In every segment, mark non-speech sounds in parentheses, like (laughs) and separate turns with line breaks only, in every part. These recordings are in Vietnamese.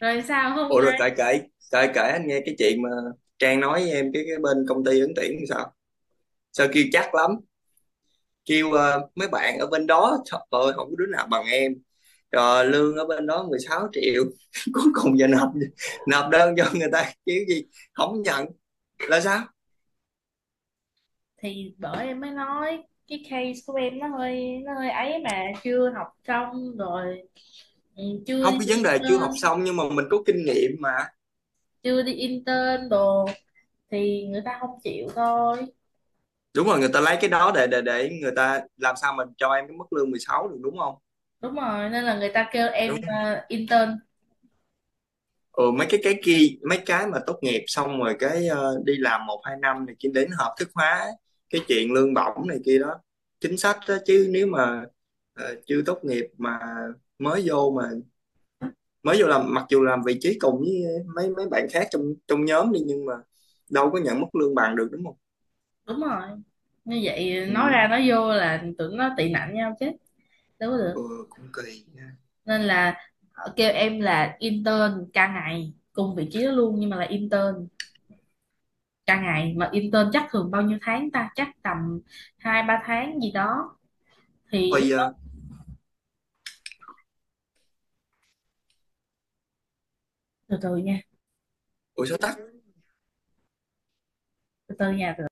Rồi sao hôm
Ủa
qua
rồi cãi cãi cãi cãi anh nghe cái chuyện mà Trang nói với em cái bên công ty ứng tuyển thì sao sao kêu chắc lắm kêu mấy bạn ở bên đó, trời ơi không có đứa nào bằng em, rồi lương ở bên đó 16 triệu (laughs) cuối cùng giờ nộp nộp đơn cho người ta kiểu gì không nhận là sao?
thì bởi em mới nói cái case của em nó hơi ấy mà chưa học xong rồi. Chưa
Không,
đi
cái vấn đề chưa học
intern,
xong nhưng mà mình có kinh nghiệm mà.
chưa đi intern đồ thì người ta không chịu thôi.
Đúng rồi, người ta lấy cái đó để người ta làm sao mình cho em cái mức lương 16 được, đúng không?
Đúng rồi, nên là người ta kêu em intern.
Ừ, Mấy cái cái kia, mấy cái mà tốt nghiệp xong rồi cái đi làm một hai năm này kia đến hợp thức hóa cái chuyện lương bổng này kia đó, chính sách đó. Chứ nếu mà chưa tốt nghiệp mà mới vô làm, mặc dù làm vị trí cùng với mấy mấy bạn khác trong trong nhóm đi nhưng mà đâu có nhận mức lương bằng được, đúng không?
Đúng rồi, như vậy nói
Ừ,
ra nói vô là tưởng nó tị nạnh nhau chứ đâu có được.
ừ, cũng kỳ nha.
Nên là họ kêu em là intern ca ngày cùng vị trí đó luôn nhưng mà là intern cả ngày, mà intern chắc thường bao nhiêu tháng ta, chắc tầm 2 3 tháng gì đó. Thì lúc
Thôi, ờ,
từ từ nha
Ủa số tắc.
từ từ nha.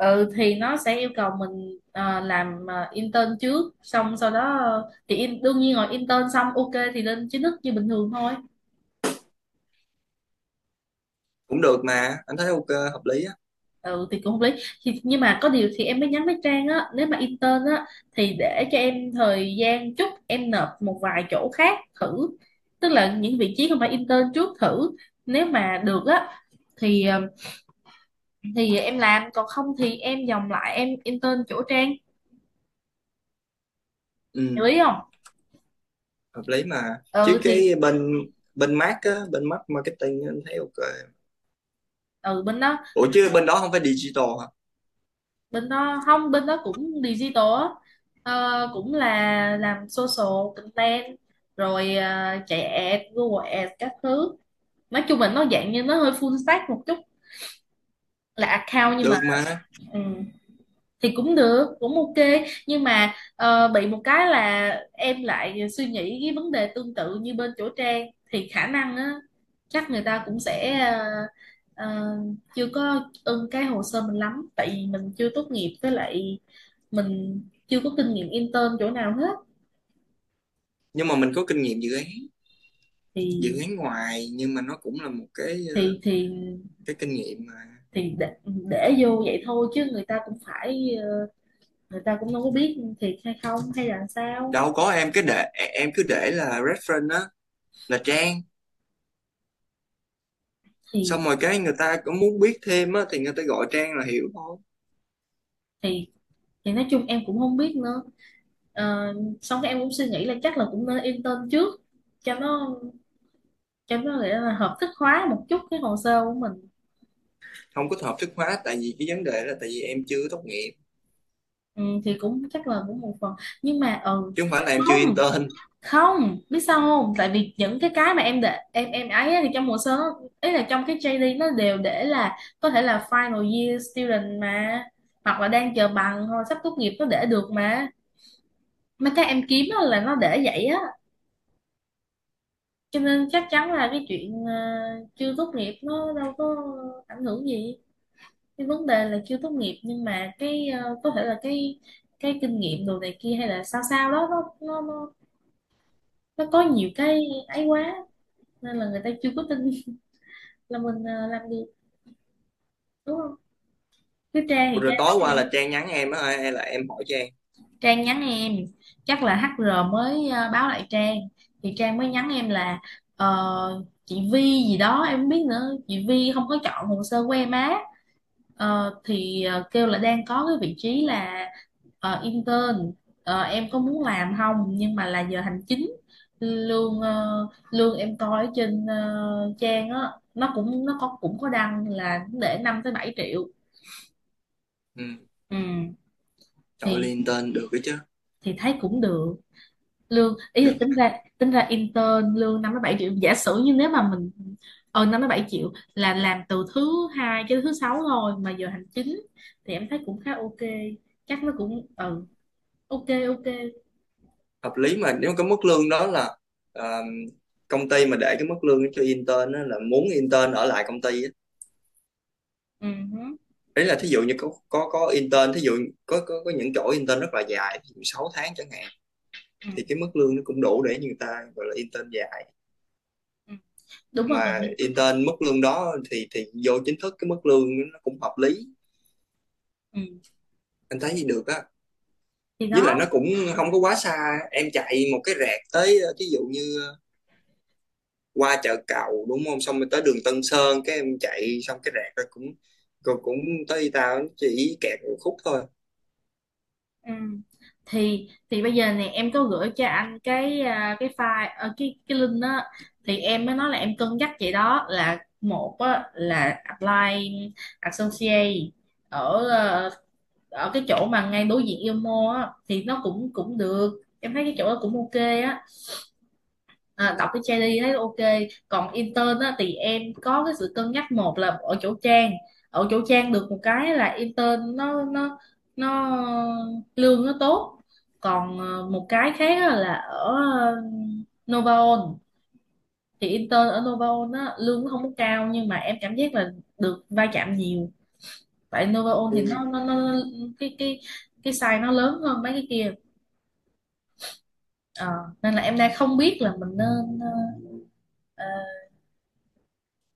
Ừ, thì nó sẽ yêu cầu mình làm intern trước, xong sau đó đương nhiên rồi intern xong ok thì lên chính thức như bình thường thôi.
Cũng được mà, anh thấy ok, hợp lý á.
Ừ thì cũng không lý, nhưng mà có điều thì em mới nhắn với Trang á, nếu mà intern á thì để cho em thời gian chút, em nộp một vài chỗ khác thử, tức là những vị trí không phải intern trước thử. Nếu mà được á thì thì em làm, còn không thì em vòng lại em intern chỗ Trang. Hiểu
Ừ
ý không?
hợp lý mà, chứ
Ừ thì.
cái bên bên mát á bên mát marketing á, anh thấy ok.
Ừ, bên đó,
Ủa chứ bên đó không phải digital hả?
bên đó không, bên đó cũng digital á. Cũng là làm social content rồi chạy ad Google Ads các thứ. Nói chung là nó dạng như nó hơi full stack một chút, là account nhưng mà
Được mà.
ừ. Thì cũng được, cũng ok, nhưng mà bị một cái là em lại suy nghĩ cái vấn đề tương tự như bên chỗ Trang, thì khả năng á chắc người ta cũng sẽ ờ, chưa có ưng cái hồ sơ mình lắm, tại vì mình chưa tốt nghiệp, với lại mình chưa có kinh nghiệm intern chỗ nào hết.
Nhưng mà mình có kinh nghiệm
thì
dự án ngoài, nhưng mà nó cũng là một cái
thì thì
cái kinh nghiệm mà.
thì để vô vậy thôi chứ người ta cũng phải người ta cũng đâu có biết thiệt hay không hay là sao.
Đâu có, em cứ để là reference á, là Trang.
thì
Xong rồi cái người ta cũng muốn biết thêm á thì người ta gọi Trang là hiểu thôi.
thì thì nói chung em cũng không biết nữa. Ờ, Xong cái em cũng suy nghĩ là chắc là cũng nên intern trước cho nó, cho nó nghĩa là hợp thức hóa một chút cái hồ sơ của mình.
Không có hợp thức hóa, tại vì cái vấn đề là tại vì em chưa tốt nghiệp
Ừ, thì cũng chắc là cũng một phần nhưng mà ừ,
chứ không phải là em chưa
không
intern.
không biết sao không, tại vì những cái mà em để em ấy á thì trong hồ sơ nó- ý là trong cái JD nó đều để là có thể là final year student mà, hoặc là đang chờ bằng hoặc là sắp tốt nghiệp nó để được mà. Mấy cái em kiếm á là nó để vậy á, cho nên chắc chắn là cái chuyện chưa tốt nghiệp nó đâu có ảnh hưởng gì. Cái vấn đề là chưa tốt nghiệp nhưng mà cái có thể là cái kinh nghiệm đồ này kia hay là sao sao đó nó có nhiều cái ấy quá, nên là người ta chưa có tin (laughs) là mình làm được, đúng không? Chứ Trang
Ủa
thì
rồi
Trang nói
tối
vậy
qua
đó.
là Trang nhắn em á hay là em hỏi Trang?
Trang nhắn em, chắc là HR mới báo lại Trang, thì Trang mới nhắn em là chị Vi gì đó em không biết nữa, chị Vi không có chọn hồ sơ của em á. Thì kêu là đang có cái vị trí là intern. Em có muốn làm không, nhưng mà là giờ hành chính, lương lương em coi ở trên trang á nó cũng nó có cũng có đăng là để 5 tới 7 triệu.
Ừ.
Ừ,
Trời ơi,
thì
intern được cái chứ.
thì thấy cũng được, lương ý là
Được.
tính ra, tính ra intern lương 5 tới 7 triệu, giả sử như nếu mà mình ờ 5 tới 7 triệu là làm từ thứ 2 cho tới thứ 6 thôi mà giờ hành chính, thì em thấy cũng khá ok. Chắc nó cũng ừ, ok, ok.
Hợp lý mà, nếu cái mức lương đó là ờ, công ty mà để cái mức lương cho intern á, là muốn intern ở lại công ty á.
Ừ, hứ,
Đấy là thí dụ như có intern, thí dụ có những chỗ intern rất là dài, thí dụ 6 tháng chẳng hạn,
ừ,
thì cái mức lương nó cũng đủ để người ta gọi là intern dài.
ừ. Đúng rồi còn
Mà
gì.
intern mức lương đó thì vô chính thức cái mức lương nó cũng hợp lý,
Ừ.
anh thấy gì được á.
Thì
Với
đó.
lại nó cũng không có quá xa, em chạy một cái rẹt tới ví dụ như qua chợ Cầu, đúng không, xong rồi tới đường Tân Sơn cái em chạy xong cái rạc rồi cũng tới, tao chỉ kẹt một khúc thôi.
Ừ. thì bây giờ nè em có gửi cho anh cái à, cái file cái link đó. Thì em mới nói là em cân nhắc vậy đó, là một á, là apply associate ở ở cái chỗ mà ngay đối diện Yêu Mall á, thì nó cũng cũng được, em thấy cái chỗ đó cũng ok á, à, đọc cái JD thấy ok. Còn intern á, thì em có cái sự cân nhắc, một là ở chỗ Trang, ở chỗ Trang được một cái là intern nó lương nó tốt. Còn một cái khác á là ở Novaon, thì intern ở Novaon á, lương nó không có cao nhưng mà em cảm giác là được va chạm nhiều. Tại Novaon thì nó
Ừ.
nó, nó nó- cái cái size nó lớn hơn mấy cái kia. Ờ, Nên là em đang không biết là mình nên ờ,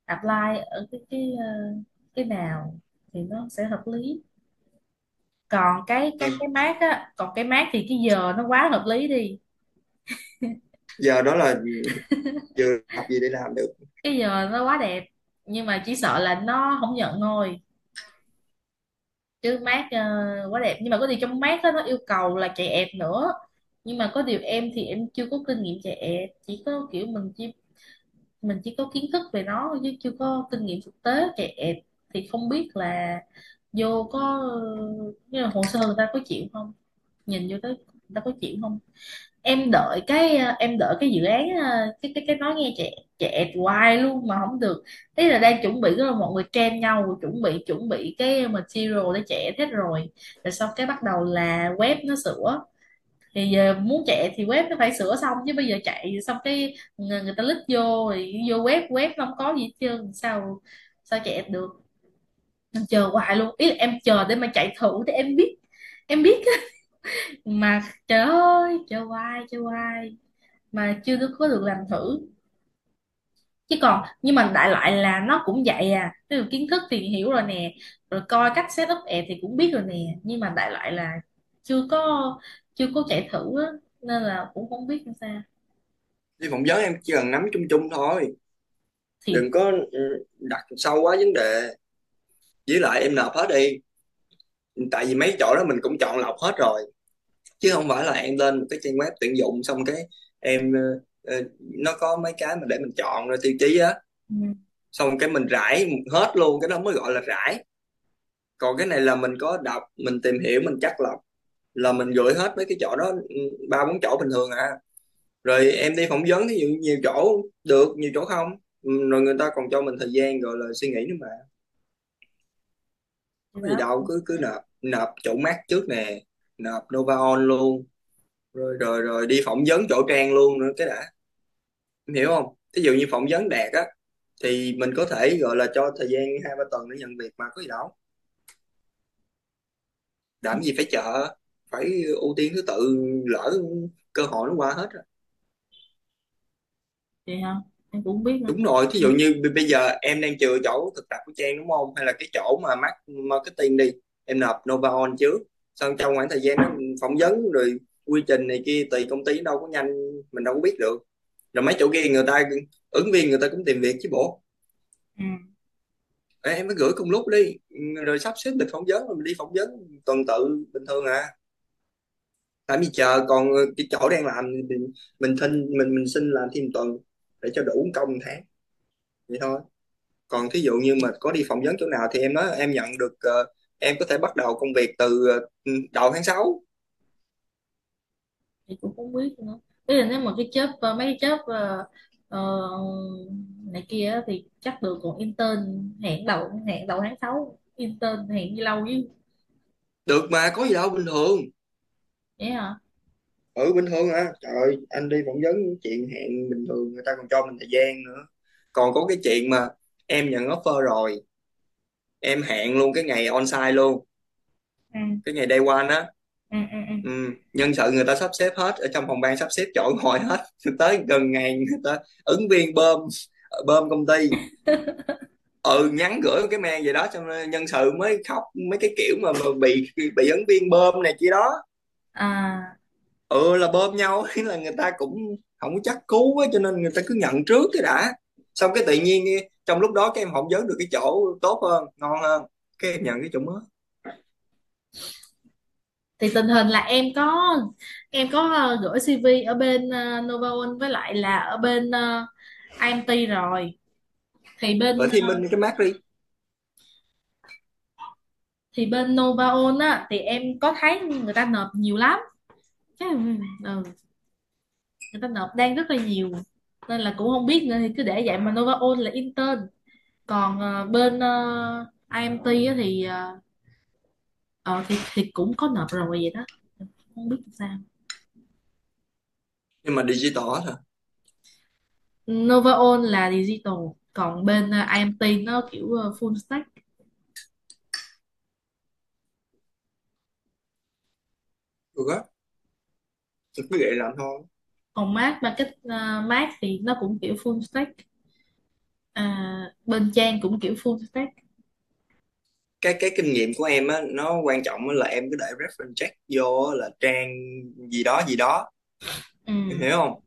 apply ở cái nào thì nó sẽ hợp lý. Còn cái
Em
cái mát á, còn cái mát thì cái giờ nó quá hợp lý đi,
giờ đó là vừa học gì để làm được.
cái giờ nó quá đẹp, nhưng mà chỉ sợ là nó không nhận thôi. Chứ mát quá đẹp, nhưng mà có điều trong mát á nó yêu cầu là chạy ẹp nữa, nhưng mà có điều em thì em chưa có kinh nghiệm chạy ẹp, chỉ có kiểu mình chỉ có kiến thức về nó thôi chứ chưa có kinh nghiệm thực tế chạy ẹp. Thì không biết là vô có ờ, như là hồ sơ người ta có chịu không, nhìn vô tới ta có chịu không. Em đợi cái em đợi cái dự án cái cái nói nghe trẻ, trẻ hoài luôn mà không được. Ý là đang chuẩn bị rồi, mọi người trend nhau chuẩn bị, chuẩn bị cái material để trẻ hết rồi, rồi xong cái bắt đầu là web nó sửa. Thì giờ muốn chạy thì web nó phải sửa xong, chứ bây giờ chạy xong cái người ta lít vô rồi vô web, web nó không có gì hết trơn, sao sao chạy được. Em chờ hoài luôn, ý là em chờ để mà chạy thử để em biết, em biết mà, trời ơi trời hoài mà chưa được- có được làm thử. Chứ còn nhưng mà đại loại là nó cũng vậy à, ví dụ kiến thức thì hiểu rồi nè, rồi coi cách set up app thì cũng biết rồi nè, nhưng mà đại loại là chưa có chưa có chạy thử á, nên là cũng không biết làm sao.
Đi phỏng vấn em chỉ cần nắm chung chung thôi,
thì
đừng có đặt sâu quá vấn đề. Với lại em nộp hết đi, tại vì mấy chỗ đó mình cũng chọn lọc hết rồi, chứ không phải là em lên một cái trang web tuyển dụng xong cái em nó có mấy cái mà để mình chọn rồi tiêu chí á,
ừ,
xong cái mình rải hết luôn, cái đó mới gọi là rải. Còn cái này là mình có đọc, mình tìm hiểu, mình chắt lọc là mình gửi hết mấy cái chỗ đó, ừ, ba bốn chỗ bình thường à. Rồi em đi phỏng vấn thì nhiều, nhiều chỗ, được nhiều chỗ không. Ừ, rồi người ta còn cho mình thời gian gọi là suy nghĩ nữa mà,
thì
có gì
đó.
đâu, cứ cứ nộp nộp chỗ mát trước nè, nộp Nova On luôn, rồi rồi rồi đi phỏng vấn chỗ Trang luôn nữa cái đã. Em hiểu không, ví dụ như phỏng vấn Đạt á, thì mình có thể gọi là cho thời gian hai ba tuần để nhận việc, mà có gì đâu,
Ừ,
làm gì phải chờ, phải ưu tiên thứ tự, lỡ cơ hội nó qua hết rồi.
vậy hả, em cũng không biết nữa.
Đúng rồi, thí dụ như bây giờ em đang chừa chỗ thực tập của Trang đúng không, hay là cái chỗ mà mác- marketing đi, em nộp Nova On trước, xong trong khoảng thời gian đó phỏng vấn rồi, quy trình này kia tùy công ty đâu có nhanh, mình đâu có biết được. Rồi mấy chỗ kia người ta, ứng viên người ta cũng tìm việc chứ bộ.
Ừ.
Ê, em mới gửi cùng lúc đi, rồi sắp xếp lịch phỏng vấn, rồi mình đi phỏng vấn tuần tự bình thường à, làm gì chờ. Còn cái chỗ đang làm thì mình xin mình xin làm thêm tuần để cho đủ công một tháng, vậy thôi. Còn thí dụ như mà có đi phỏng vấn chỗ nào thì em nói em nhận được ờ, em có thể bắt đầu công việc từ đầu tháng sáu.
Thì cũng không biết nữa, bây giờ nếu mà cái job mấy cái job ờ, này kia á thì chắc được, còn intern hẹn đầu tháng 6 intern hẹn như lâu chứ.
Được mà, có gì đâu bình thường.
Vậy hả.
Ừ bình thường à, trời ơi, anh đi phỏng vấn chuyện hẹn bình thường, người ta còn cho mình thời gian nữa. Còn có cái chuyện mà em nhận offer rồi, em hẹn luôn cái ngày on site luôn,
Ừ,
cái ngày day one á.
ừ, ừ, ừ.
Ừ, nhân sự người ta sắp xếp hết ở trong phòng ban, sắp xếp chọn ngồi hết (laughs) tới gần ngày, người ta ứng viên bơm, bơm công ty, ừ, nhắn gửi một cái mail vậy đó, xong rồi nhân sự mới khóc mấy cái kiểu mà bị ứng viên bơm này kia đó.
À,
Ừ là bơm nhau (laughs) ý là người ta cũng không có chắc cú á, cho nên người ta cứ nhận trước cái đã, xong cái tự nhiên trong lúc đó các em phỏng vấn được cái chỗ tốt hơn, ngon hơn, cái em nhận cái chỗ mới
thì tình hình là em có gửi CV ở bên Novaon với lại là ở bên IMT rồi. thì bên
ở Thiên
ờ,
Minh, cái mát đi.
thì bên Novaon á thì em có thấy người ta nộp nhiều lắm. Chắc- ừ. Người ta nộp đang rất là nhiều, nên là cũng không biết nữa, thì cứ để vậy mà Nova Ôn là intern. Còn bên IMT á thì, ờ, thì cũng có nộp rồi vậy đó, không biết sao.
Nhưng mà digital hết à.
Nova Ôn là digital, còn bên IMT nó kiểu full stack.
Ừ á, tôi cứ vậy làm thôi.
Còn Mác thì nó cũng kiểu full stack, à, bên Trang cũng kiểu full stack.
Cái kinh nghiệm của em á, nó quan trọng á là em cứ để reference check vô á là Trang gì đó gì đó.
Ừ.
Em hiểu không?